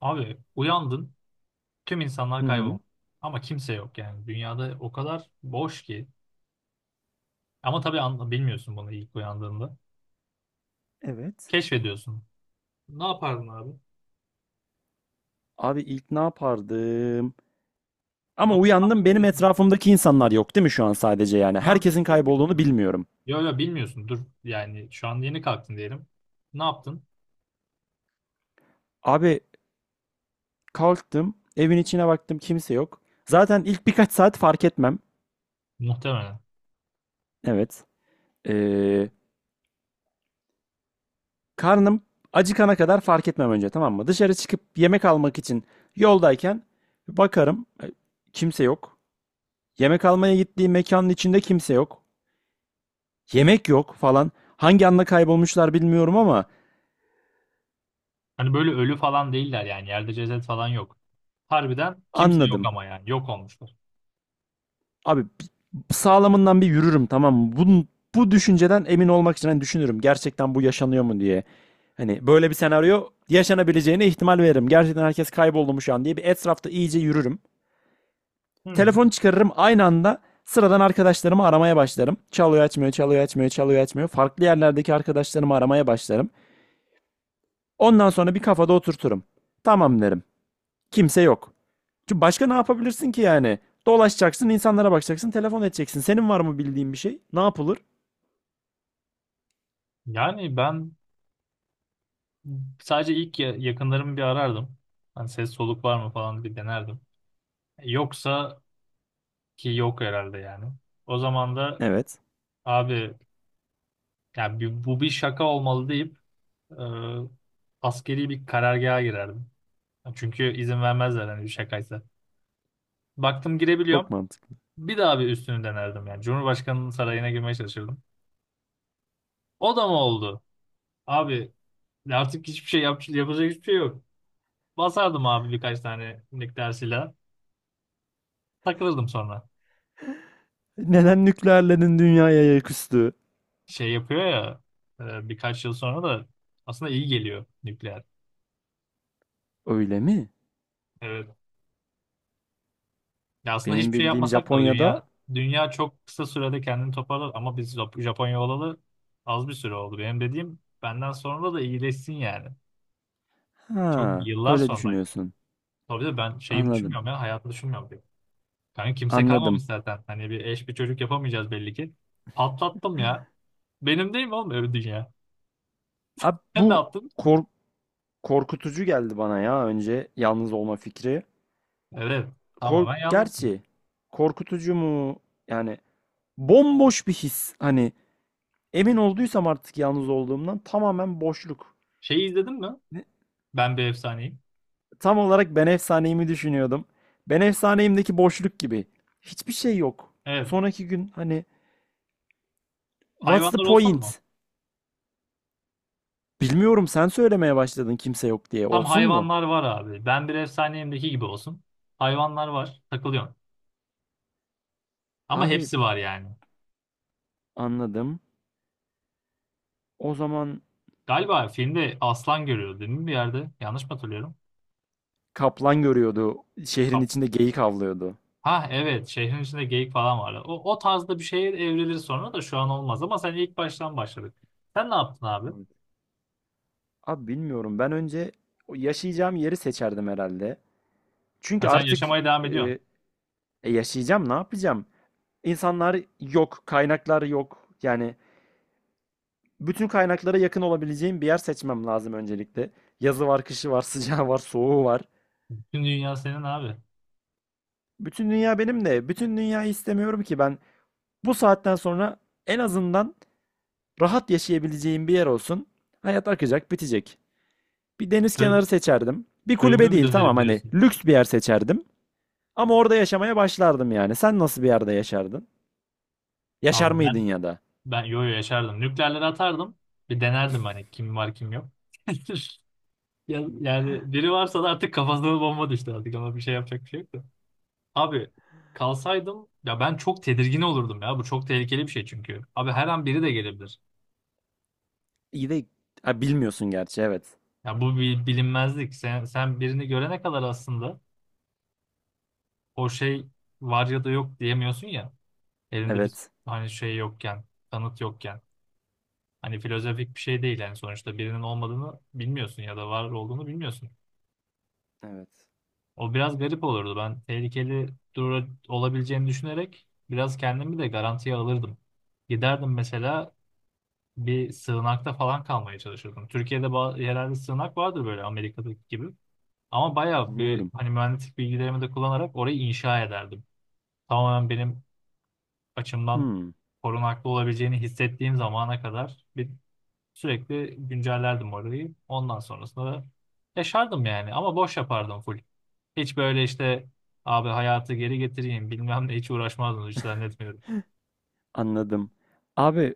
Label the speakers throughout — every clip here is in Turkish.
Speaker 1: Abi uyandın, tüm
Speaker 2: Hı
Speaker 1: insanlar
Speaker 2: hı.
Speaker 1: kaybolmuş. Ama kimse yok yani. Dünyada o kadar boş ki. Ama tabii anla, bilmiyorsun bunu ilk uyandığında.
Speaker 2: Evet.
Speaker 1: Keşfediyorsun. Ne yapardın abi?
Speaker 2: Abi ilk ne yapardım? Ama
Speaker 1: Ama daha
Speaker 2: uyandım, benim
Speaker 1: bilmiyorsun.
Speaker 2: etrafımdaki insanlar yok değil mi şu an sadece yani?
Speaker 1: Şu an
Speaker 2: Herkesin
Speaker 1: bunu bilmiyorsun
Speaker 2: kaybolduğunu
Speaker 1: ama.
Speaker 2: bilmiyorum.
Speaker 1: Yok yok bilmiyorsun. Dur yani şu an yeni kalktın diyelim. Ne yaptın?
Speaker 2: Abi kalktım, evin içine baktım, kimse yok. Zaten ilk birkaç saat fark etmem.
Speaker 1: Muhtemelen.
Speaker 2: Evet. Ee, karnım acıkana kadar fark etmem önce, tamam mı? Dışarı çıkıp yemek almak için yoldayken bakarım, kimse yok. Yemek almaya gittiğim mekanın içinde kimse yok. Yemek yok falan. Hangi anda kaybolmuşlar bilmiyorum ama.
Speaker 1: Hani böyle ölü falan değiller yani. Yerde ceset falan yok. Harbiden kimse yok
Speaker 2: Anladım.
Speaker 1: ama yani. Yok olmuşlar.
Speaker 2: Abi sağlamından bir yürürüm, tamam mı? Bu düşünceden emin olmak için hani düşünürüm. Gerçekten bu yaşanıyor mu diye. Hani böyle bir senaryo yaşanabileceğine ihtimal veririm. Gerçekten herkes kayboldu mu şu an diye bir etrafta iyice yürürüm.
Speaker 1: Hmm.
Speaker 2: Telefonu çıkarırım, aynı anda sıradan arkadaşlarımı aramaya başlarım. Çalıyor açmıyor, çalıyor açmıyor, çalıyor açmıyor. Farklı yerlerdeki arkadaşlarımı aramaya başlarım. Ondan sonra bir kafada oturturum. Tamam derim. Kimse yok. Çünkü başka ne yapabilirsin ki yani? Dolaşacaksın, insanlara bakacaksın, telefon edeceksin. Senin var mı bildiğin bir şey? Ne yapılır?
Speaker 1: Yani ben sadece ilk yakınlarımı bir arardım. Hani ses soluk var mı falan bir denerdim. Yoksa ki yok herhalde yani. O zaman da
Speaker 2: Evet,
Speaker 1: abi yani bu bir şaka olmalı deyip e, askeri bir karargaha girerdim. Çünkü izin vermezler hani bir şakaysa. Baktım
Speaker 2: çok
Speaker 1: girebiliyorum.
Speaker 2: mantıklı.
Speaker 1: Bir daha bir üstünü denerdim yani. Cumhurbaşkanının sarayına girmeye çalışırdım. O da mı oldu? Abi artık hiçbir şey yapacak hiçbir şey yok. Basardım abi birkaç tane nükleer silah. Takılırdım sonra.
Speaker 2: Neden nükleerlerin dünyaya ayak üstü?
Speaker 1: Şey yapıyor ya birkaç yıl sonra da aslında iyi geliyor nükleer.
Speaker 2: Öyle mi?
Speaker 1: Evet. Ya aslında
Speaker 2: Benim
Speaker 1: hiçbir şey
Speaker 2: bildiğim
Speaker 1: yapmasak da
Speaker 2: Japonya'da.
Speaker 1: dünya çok kısa sürede kendini toparlar ama biz Japonya olalı az bir süre oldu. Benim dediğim benden sonra da iyileşsin yani. Çok
Speaker 2: Ha,
Speaker 1: yıllar
Speaker 2: öyle
Speaker 1: sonra yani.
Speaker 2: düşünüyorsun.
Speaker 1: Tabii de ben şeyim
Speaker 2: Anladım.
Speaker 1: düşünmüyorum ya hayatı düşünmüyorum diyor. Kanka kimse
Speaker 2: Anladım.
Speaker 1: kalmamış zaten. Hani bir eş bir çocuk yapamayacağız belli ki. Patlattım ya. Benim değil mi oğlum öyle dünya?
Speaker 2: Abi
Speaker 1: Sen
Speaker 2: bu
Speaker 1: ne yaptın?
Speaker 2: kork- korkutucu geldi bana ya, önce yalnız olma fikri.
Speaker 1: Evet.
Speaker 2: Kork
Speaker 1: Tamamen yalnızsın.
Speaker 2: gerçi korkutucu mu? Yani bomboş bir his. Hani emin olduysam artık yalnız olduğumdan, tamamen boşluk.
Speaker 1: Şeyi izledin mi? Ben bir efsaneyim.
Speaker 2: Tam olarak ben efsaneyimi düşünüyordum. Ben efsaneyimdeki boşluk gibi. Hiçbir şey yok.
Speaker 1: Evet.
Speaker 2: Sonraki gün hani what's the
Speaker 1: Hayvanlar olsun mu?
Speaker 2: point? Bilmiyorum, sen söylemeye başladın kimse yok diye.
Speaker 1: Tam
Speaker 2: Olsun mu?
Speaker 1: hayvanlar var abi. Ben bir efsaneyimdeki gibi olsun. Hayvanlar var. Takılıyorsun. Ama
Speaker 2: Abi
Speaker 1: hepsi var yani.
Speaker 2: anladım. O zaman
Speaker 1: Galiba filmde aslan görüyordu değil mi bir yerde? Yanlış mı hatırlıyorum?
Speaker 2: kaplan görüyordu. Şehrin
Speaker 1: Kap-
Speaker 2: içinde geyik avlıyordu.
Speaker 1: Ha evet. Şehrin içinde geyik falan vardı. O tarzda bir şeye evrilir sonra da şu an olmaz. Ama sen ilk baştan başladık. Sen ne yaptın abi?
Speaker 2: Evet. Abi bilmiyorum. Ben önce o yaşayacağım yeri seçerdim herhalde. Çünkü
Speaker 1: Ha, sen
Speaker 2: artık
Speaker 1: yaşamaya devam ediyorsun.
Speaker 2: e, yaşayacağım, ne yapacağım? İnsanlar yok, kaynaklar yok. Yani bütün kaynaklara yakın olabileceğim bir yer seçmem lazım öncelikle. Yazı var, kışı var, sıcağı var, soğuğu var.
Speaker 1: Bütün dünya senin abi.
Speaker 2: Bütün dünya benim de. Bütün dünyayı istemiyorum ki ben. Bu saatten sonra en azından rahat yaşayabileceğim bir yer olsun. Hayat akacak, bitecek. Bir deniz
Speaker 1: Kö
Speaker 2: kenarı seçerdim. Bir
Speaker 1: köyüme
Speaker 2: kulübe
Speaker 1: mi
Speaker 2: değil,
Speaker 1: dönerim
Speaker 2: tamam, hani
Speaker 1: diyorsun?
Speaker 2: lüks bir yer seçerdim. Ama orada yaşamaya başlardım yani. Sen nasıl bir yerde yaşardın? Yaşar
Speaker 1: Abi
Speaker 2: mıydın
Speaker 1: ben
Speaker 2: ya da?
Speaker 1: ben yo yo yaşardım. Nükleerleri atardım. Bir denerdim hani kim var kim yok. Yani biri varsa da artık kafasına bomba düştü artık ama bir şey yapacak bir şey yok da. Abi kalsaydım ya ben çok tedirgin olurdum ya. Bu çok tehlikeli bir şey çünkü. Abi her an biri de gelebilir.
Speaker 2: İyi de ha, bilmiyorsun gerçi, evet.
Speaker 1: Ya bu bir bilinmezlik. Sen birini görene kadar aslında o şey var ya da yok diyemiyorsun ya. Elinde bir
Speaker 2: Evet.
Speaker 1: hani şey yokken, kanıt yokken. Hani filozofik bir şey değil yani sonuçta birinin olmadığını bilmiyorsun ya da var olduğunu bilmiyorsun.
Speaker 2: Evet.
Speaker 1: O biraz garip olurdu. Ben tehlikeli dura olabileceğini düşünerek biraz kendimi de garantiye alırdım. Giderdim mesela bir sığınakta falan kalmaya çalışırdım. Türkiye'de yerel bir sığınak vardır böyle Amerika'daki gibi. Ama bayağı bir
Speaker 2: Bilmiyorum.
Speaker 1: hani mühendislik bilgilerimi de kullanarak orayı inşa ederdim. Tamamen benim açımdan
Speaker 2: Hmm,
Speaker 1: korunaklı olabileceğini hissettiğim zamana kadar bir sürekli güncellerdim orayı. Ondan sonrasında da yaşardım yani ama boş yapardım full. Hiç böyle işte abi hayatı geri getireyim bilmem ne hiç uğraşmazdım hiç zannetmiyorum.
Speaker 2: anladım. Abi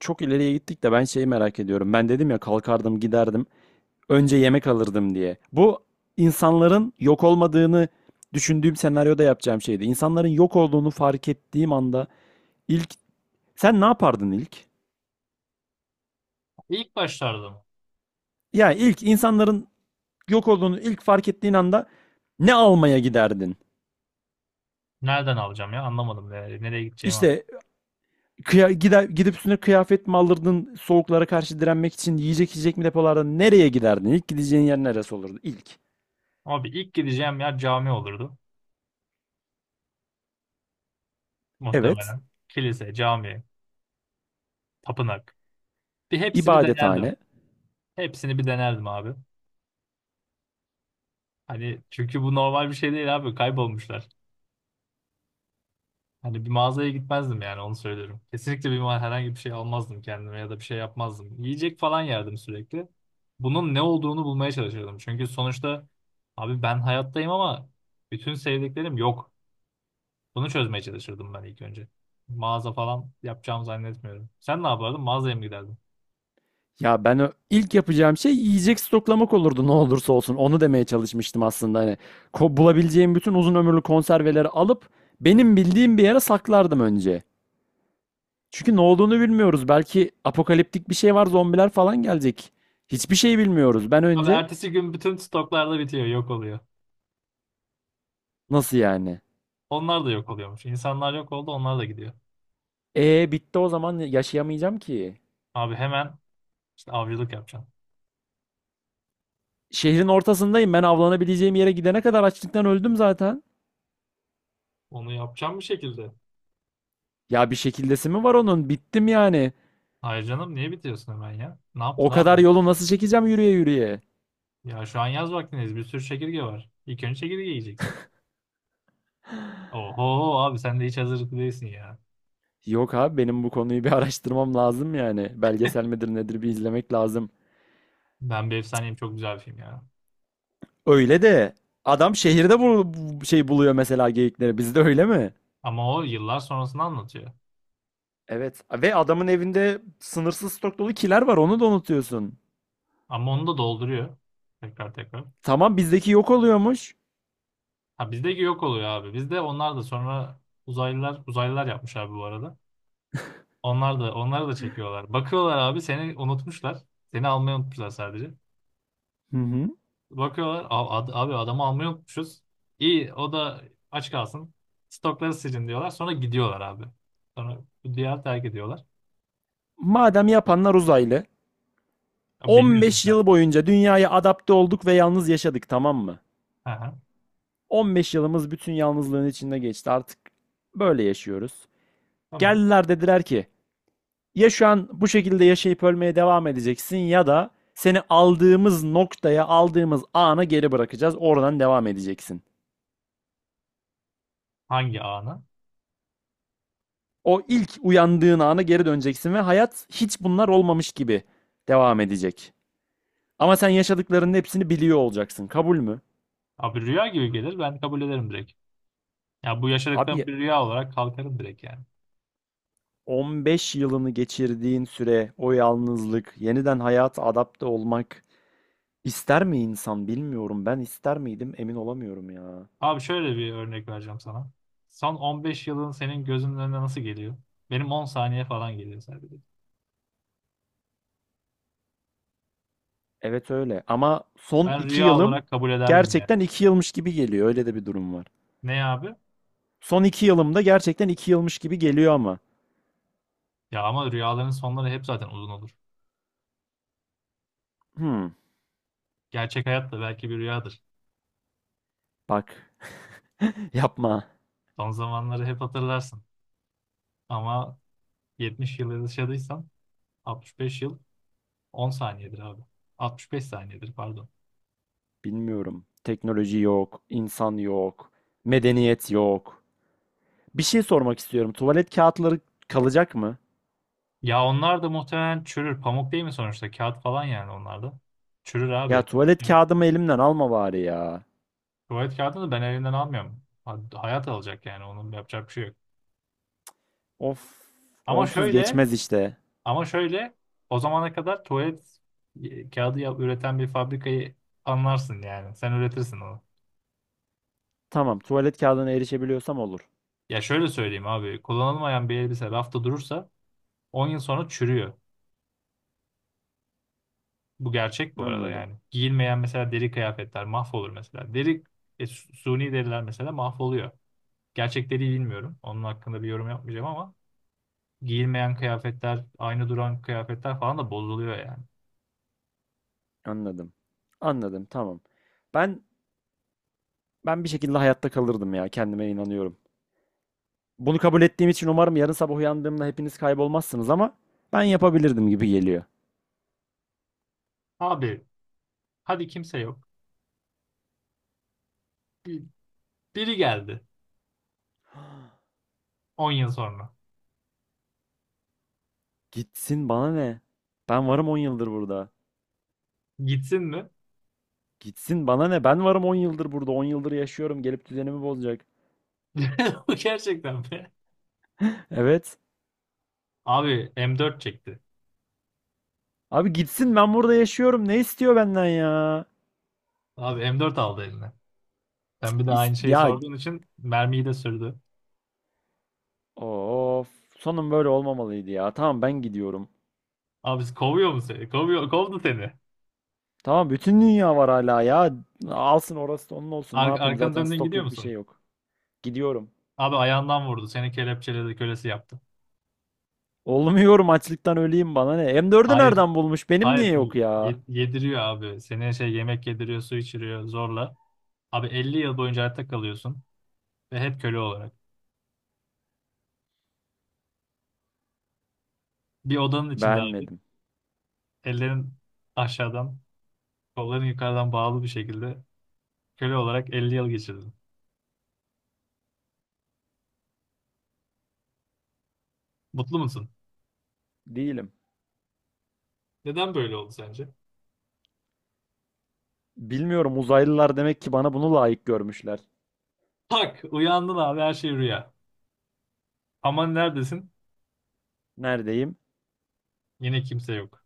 Speaker 2: çok ileriye gittik de ben şeyi merak ediyorum. Ben dedim ya, kalkardım giderdim. Önce yemek alırdım diye. Bu, insanların yok olmadığını düşündüğüm senaryoda yapacağım şeydi. İnsanların yok olduğunu fark ettiğim anda ilk sen ne yapardın ilk?
Speaker 1: İlk başlarda mı?
Speaker 2: Ya ilk insanların yok olduğunu ilk fark ettiğin anda ne almaya giderdin?
Speaker 1: Nereden alacağım ya anlamadım yani nereye gideceğimi anlamadım.
Speaker 2: İşte gider, gidip üstüne kıyafet mi alırdın soğuklara karşı direnmek için, yiyecek mi depolarda, nereye giderdin? İlk gideceğin yer neresi olurdu? İlk.
Speaker 1: Abi ilk gideceğim yer cami olurdu
Speaker 2: Evet.
Speaker 1: muhtemelen. Kilise, cami, tapınak. Bir hepsini denerdim.
Speaker 2: İbadethane.
Speaker 1: Hepsini bir denerdim abi. Hani çünkü bu normal bir şey değil abi kaybolmuşlar. Hani bir mağazaya gitmezdim yani onu söylüyorum. Kesinlikle bir herhangi bir şey almazdım kendime ya da bir şey yapmazdım. Yiyecek falan yerdim sürekli. Bunun ne olduğunu bulmaya çalışırdım. Çünkü sonuçta abi ben hayattayım ama bütün sevdiklerim yok. Bunu çözmeye çalışırdım ben ilk önce. Mağaza falan yapacağımı zannetmiyorum. Sen ne yapardın? Mağazaya mı giderdin?
Speaker 2: Ya ben ilk yapacağım şey yiyecek stoklamak olurdu, ne olursa olsun. Onu demeye çalışmıştım aslında hani. Bulabileceğim bütün uzun ömürlü konserveleri alıp benim bildiğim bir yere saklardım önce. Çünkü ne olduğunu bilmiyoruz. Belki apokaliptik bir şey var, zombiler falan gelecek. Hiçbir şey bilmiyoruz. Ben
Speaker 1: Abi
Speaker 2: önce.
Speaker 1: ertesi gün bütün stoklar da bitiyor, yok oluyor.
Speaker 2: Nasıl yani?
Speaker 1: Onlar da yok oluyormuş. İnsanlar yok oldu, onlar da gidiyor.
Speaker 2: E bitti o zaman, yaşayamayacağım ki.
Speaker 1: Abi hemen işte avcılık yapacağım.
Speaker 2: Şehrin ortasındayım. Ben avlanabileceğim yere gidene kadar açlıktan öldüm zaten.
Speaker 1: Onu yapacağım bir şekilde.
Speaker 2: Ya bir şekildesi mi var onun? Bittim yani.
Speaker 1: Hayır canım niye bitiriyorsun hemen ya? Ne
Speaker 2: O
Speaker 1: yaptın abi?
Speaker 2: kadar yolu nasıl çekeceğim yürüye yürüye?
Speaker 1: Ya şu an yaz vaktindeyiz. Bir sürü çekirge var. İlk önce çekirge yiyeceksin. Oho abi sen de hiç hazırlıklı değilsin ya.
Speaker 2: Yok abi, benim bu konuyu bir araştırmam lazım yani. Belgesel midir nedir, bir izlemek lazım.
Speaker 1: Ben bir efsaneyim çok güzel bir film ya.
Speaker 2: Öyle de adam şehirde bu şey buluyor, mesela geyikleri. Bizde öyle mi?
Speaker 1: Ama o yıllar sonrasını anlatıyor.
Speaker 2: Evet. Ve adamın evinde sınırsız stok dolu kiler var. Onu da unutuyorsun.
Speaker 1: Ama onu da dolduruyor. Tekrar tekrar.
Speaker 2: Tamam, bizdeki yok oluyormuş.
Speaker 1: Ha bizdeki yok oluyor abi. Bizde onlar da sonra uzaylılar yapmış abi bu arada. Onlar da onları da çekiyorlar. Bakıyorlar abi seni unutmuşlar. Seni almayı unutmuşlar sadece.
Speaker 2: Hı hı.
Speaker 1: Bakıyorlar "Abi adamı almayı unutmuşuz. İyi o da aç kalsın. Stokları silin diyorlar. Sonra gidiyorlar abi. Sonra bu diyarı terk ediyorlar.
Speaker 2: Madem yapanlar uzaylı.
Speaker 1: Ya, bilmiyorsun
Speaker 2: 15
Speaker 1: sen.
Speaker 2: yıl boyunca dünyaya adapte olduk ve yalnız yaşadık, tamam mı?
Speaker 1: Hı hı.
Speaker 2: 15 yılımız bütün yalnızlığın içinde geçti. Artık böyle yaşıyoruz.
Speaker 1: Tamam.
Speaker 2: Geldiler, dediler ki ya şu an bu şekilde yaşayıp ölmeye devam edeceksin, ya da seni aldığımız noktaya, aldığımız ana geri bırakacağız. Oradan devam edeceksin.
Speaker 1: Hangi anı?
Speaker 2: O ilk uyandığın ana geri döneceksin ve hayat hiç bunlar olmamış gibi devam edecek. Ama sen yaşadıklarının hepsini biliyor olacaksın. Kabul mü?
Speaker 1: Abi rüya gibi gelir. Ben kabul ederim direkt. Ya bu
Speaker 2: Abi
Speaker 1: yaşadıklarım bir rüya olarak kalkarım direkt yani.
Speaker 2: 15 yılını geçirdiğin süre, o yalnızlık, yeniden hayata adapte olmak ister mi insan, bilmiyorum. Ben ister miydim emin olamıyorum ya.
Speaker 1: Abi şöyle bir örnek vereceğim sana. Son 15 yılın senin gözünün önüne nasıl geliyor? Benim 10 saniye falan geliyor sadece.
Speaker 2: Evet, öyle. Ama son
Speaker 1: Ben
Speaker 2: iki
Speaker 1: rüya
Speaker 2: yılım
Speaker 1: olarak kabul ederdim yani.
Speaker 2: gerçekten iki yılmış gibi geliyor. Öyle de bir durum var.
Speaker 1: Ne abi?
Speaker 2: Son iki yılımda gerçekten iki yılmış gibi geliyor ama.
Speaker 1: Ya ama rüyaların sonları hep zaten uzun olur.
Speaker 2: Hmm,
Speaker 1: Gerçek hayat da belki bir rüyadır.
Speaker 2: bak. Yapma.
Speaker 1: Son zamanları hep hatırlarsın. Ama 70 yıl yaşadıysan 65 yıl 10 saniyedir abi. 65 saniyedir pardon.
Speaker 2: Bilmiyorum. Teknoloji yok, insan yok, medeniyet yok. Bir şey sormak istiyorum. Tuvalet kağıtları kalacak mı?
Speaker 1: Ya onlar da muhtemelen çürür. Pamuk değil mi sonuçta? Kağıt falan yani onlar da. Çürür
Speaker 2: Ya
Speaker 1: abi.
Speaker 2: tuvalet kağıdımı elimden alma bari ya.
Speaker 1: Tuvalet kağıdını ben elinden almıyorum. Hayat alacak yani onun yapacak bir şey yok.
Speaker 2: Of,
Speaker 1: Ama
Speaker 2: onsuz
Speaker 1: şöyle
Speaker 2: geçmez işte.
Speaker 1: ama şöyle o zamana kadar tuvalet kağıdı üreten bir fabrikayı anlarsın yani. Sen üretirsin onu.
Speaker 2: Tamam, tuvalet kağıdına erişebiliyorsam olur.
Speaker 1: Ya şöyle söyleyeyim abi. Kullanılmayan bir elbise rafta durursa 10 yıl sonra çürüyor. Bu gerçek bu arada
Speaker 2: Anladım.
Speaker 1: yani. Giyilmeyen mesela deri kıyafetler mahvolur mesela. Suni deriler mesela mahvoluyor. Gerçekleri bilmiyorum. Onun hakkında bir yorum yapmayacağım ama giyilmeyen kıyafetler, aynı duran kıyafetler falan da bozuluyor yani.
Speaker 2: Anladım. Anladım. Tamam. Ben ben bir şekilde hayatta kalırdım ya. Kendime inanıyorum. Bunu kabul ettiğim için umarım yarın sabah uyandığımda hepiniz kaybolmazsınız, ama ben yapabilirdim gibi geliyor.
Speaker 1: Abi hadi kimse yok. Bir- Biri geldi 10 yıl sonra.
Speaker 2: Gitsin, bana ne? Ben varım 10 yıldır burada.
Speaker 1: Gitsin mi?
Speaker 2: Gitsin, bana ne? Ben varım 10 yıldır burada. On yıldır yaşıyorum. Gelip düzenimi bozacak.
Speaker 1: Bu gerçekten mi?
Speaker 2: Evet.
Speaker 1: Abi M4 çekti.
Speaker 2: Abi gitsin, ben burada yaşıyorum. Ne istiyor benden ya?
Speaker 1: Abi M4 aldı eline. Sen bir de
Speaker 2: İs-
Speaker 1: aynı şeyi
Speaker 2: ya
Speaker 1: sorduğun için mermiyi de sürdü.
Speaker 2: Of, sonun böyle olmamalıydı ya. Tamam, ben gidiyorum.
Speaker 1: Abi kovuyor mu seni? Kovuyor, kovdu seni.
Speaker 2: Tamam, bütün dünya var hala ya. Alsın, orası da onun olsun. Ne
Speaker 1: Ar
Speaker 2: yapayım,
Speaker 1: arkanı
Speaker 2: zaten
Speaker 1: döndün
Speaker 2: stok
Speaker 1: gidiyor
Speaker 2: yok, bir
Speaker 1: musun?
Speaker 2: şey yok. Gidiyorum.
Speaker 1: Abi ayağından vurdu. Seni kelepçeledi, kölesi yaptı.
Speaker 2: Olmuyorum, açlıktan öleyim, bana ne. M4'ü
Speaker 1: Hayır,
Speaker 2: nereden bulmuş? Benim niye
Speaker 1: hayır.
Speaker 2: yok ya?
Speaker 1: Yediriyor abi. Seni şey yemek yediriyor, su içiriyor zorla. Abi 50 yıl boyunca hayatta kalıyorsun ve hep köle olarak. Bir odanın içinde abi.
Speaker 2: Beğenmedim.
Speaker 1: Ellerin aşağıdan, kolların yukarıdan bağlı bir şekilde köle olarak 50 yıl geçirdin. Mutlu musun?
Speaker 2: Değilim.
Speaker 1: Neden böyle oldu sence?
Speaker 2: Bilmiyorum, uzaylılar demek ki bana bunu layık görmüşler.
Speaker 1: Tak, uyandın abi her şey rüya. Aman neredesin?
Speaker 2: Neredeyim?
Speaker 1: Yine kimse yok.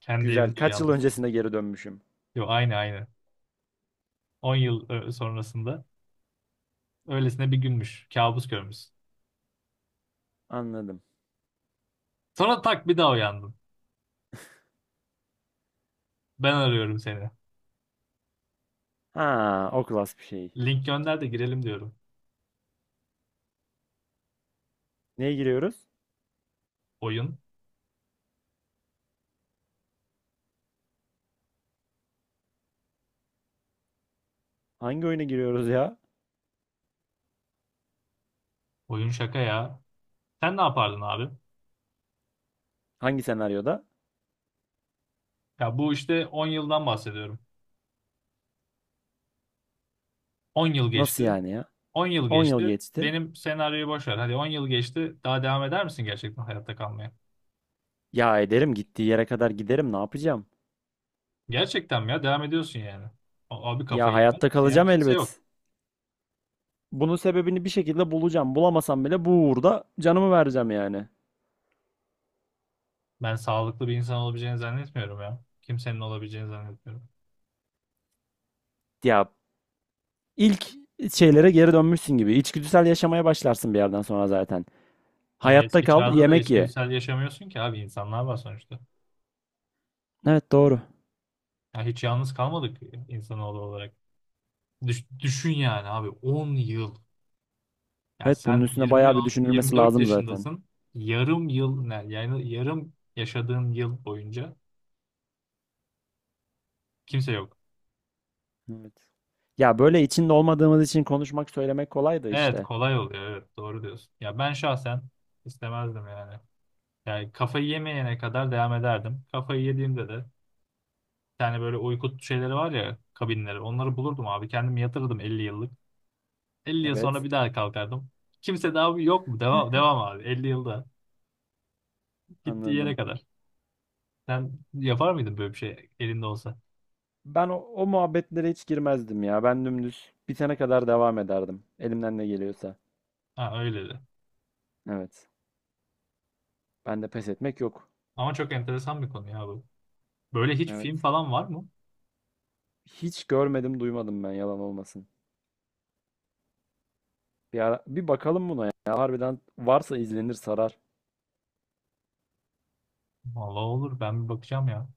Speaker 1: Kendi
Speaker 2: Güzel.
Speaker 1: evinde
Speaker 2: Kaç yıl
Speaker 1: uyanmışsın.
Speaker 2: öncesine geri dönmüşüm?
Speaker 1: Yo aynı aynı. 10 yıl sonrasında. Öylesine bir günmüş. Kabus görmüşsün.
Speaker 2: Anladım.
Speaker 1: Sonra tak bir daha uyandın. Ben arıyorum seni.
Speaker 2: Ha, o klas bir şey.
Speaker 1: Link gönder de girelim diyorum.
Speaker 2: Neye giriyoruz?
Speaker 1: Oyun.
Speaker 2: Hangi oyuna giriyoruz ya?
Speaker 1: Oyun şaka ya. Sen ne yapardın abi?
Speaker 2: Hangi senaryoda?
Speaker 1: Ya bu işte 10 yıldan bahsediyorum. 10 yıl
Speaker 2: Nasıl
Speaker 1: geçti.
Speaker 2: yani ya?
Speaker 1: 10 yıl
Speaker 2: 10 yıl
Speaker 1: geçti.
Speaker 2: geçti.
Speaker 1: Benim senaryoyu boş ver. Hadi 10 yıl geçti. Daha devam eder misin gerçekten hayatta kalmaya?
Speaker 2: Ya ederim, gittiği yere kadar giderim, ne yapacağım?
Speaker 1: Gerçekten mi ya? Devam ediyorsun yani. Abi
Speaker 2: Ya
Speaker 1: kafayı yemez
Speaker 2: hayatta
Speaker 1: misin ya?
Speaker 2: kalacağım
Speaker 1: Kimse yok.
Speaker 2: elbet. Bunun sebebini bir şekilde bulacağım. Bulamasam bile bu uğurda canımı vereceğim yani.
Speaker 1: Ben sağlıklı bir insan olabileceğini zannetmiyorum ya. Kimsenin olabileceğini zannetmiyorum.
Speaker 2: Ya ilk şeylere geri dönmüşsün gibi. İçgüdüsel yaşamaya başlarsın bir yerden sonra zaten.
Speaker 1: Ama
Speaker 2: Hayatta
Speaker 1: eski
Speaker 2: kal,
Speaker 1: çağda da
Speaker 2: yemek ye.
Speaker 1: içgüdüsel yaşamıyorsun ki abi insanlar var sonuçta.
Speaker 2: Evet, doğru.
Speaker 1: Ya hiç yalnız kalmadık insanoğlu olarak. Düşün yani abi 10 yıl. Ya
Speaker 2: Evet, bunun
Speaker 1: sen
Speaker 2: üstüne
Speaker 1: 20
Speaker 2: bayağı bir düşünülmesi
Speaker 1: 24
Speaker 2: lazım zaten.
Speaker 1: yaşındasın. Yarım yıl ne? Yani yarım yaşadığın yıl boyunca kimse yok.
Speaker 2: Evet. Ya böyle içinde olmadığımız için konuşmak, söylemek kolay da
Speaker 1: Evet
Speaker 2: işte.
Speaker 1: kolay oluyor evet doğru diyorsun. Ya ben şahsen istemezdim yani. Yani kafayı yemeyene kadar devam ederdim. Kafayı yediğimde de yani böyle uyku şeyleri var ya kabinleri. Onları bulurdum abi. Kendim yatırdım 50 yıllık. 50 yıl sonra
Speaker 2: Evet,
Speaker 1: bir daha kalkardım. Kimse daha yok mu? Devam, devam abi. 50 yılda. Gittiği yere
Speaker 2: anladım.
Speaker 1: kadar. Sen yapar mıydın böyle bir şey elinde olsa?
Speaker 2: Ben o, o muhabbetlere hiç girmezdim ya. Ben dümdüz bitene kadar devam ederdim. Elimden ne geliyorsa.
Speaker 1: Ha öyle de.
Speaker 2: Evet. Ben de, pes etmek yok.
Speaker 1: Ama çok enteresan bir konu ya bu. Böyle hiç film
Speaker 2: Evet.
Speaker 1: falan var mı?
Speaker 2: Hiç görmedim, duymadım, ben yalan olmasın. Bir ara, bir bakalım buna ya. Harbiden varsa izlenir, sarar.
Speaker 1: Vallahi olur. Ben bir bakacağım ya.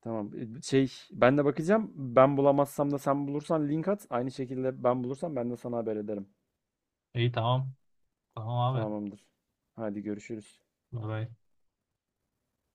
Speaker 2: Tamam. Şey, ben de bakacağım. Ben bulamazsam da sen bulursan link at. Aynı şekilde ben bulursam ben de sana haber ederim.
Speaker 1: İyi tamam. Tamam abi.
Speaker 2: Tamamdır. Hadi görüşürüz.
Speaker 1: Bye bye.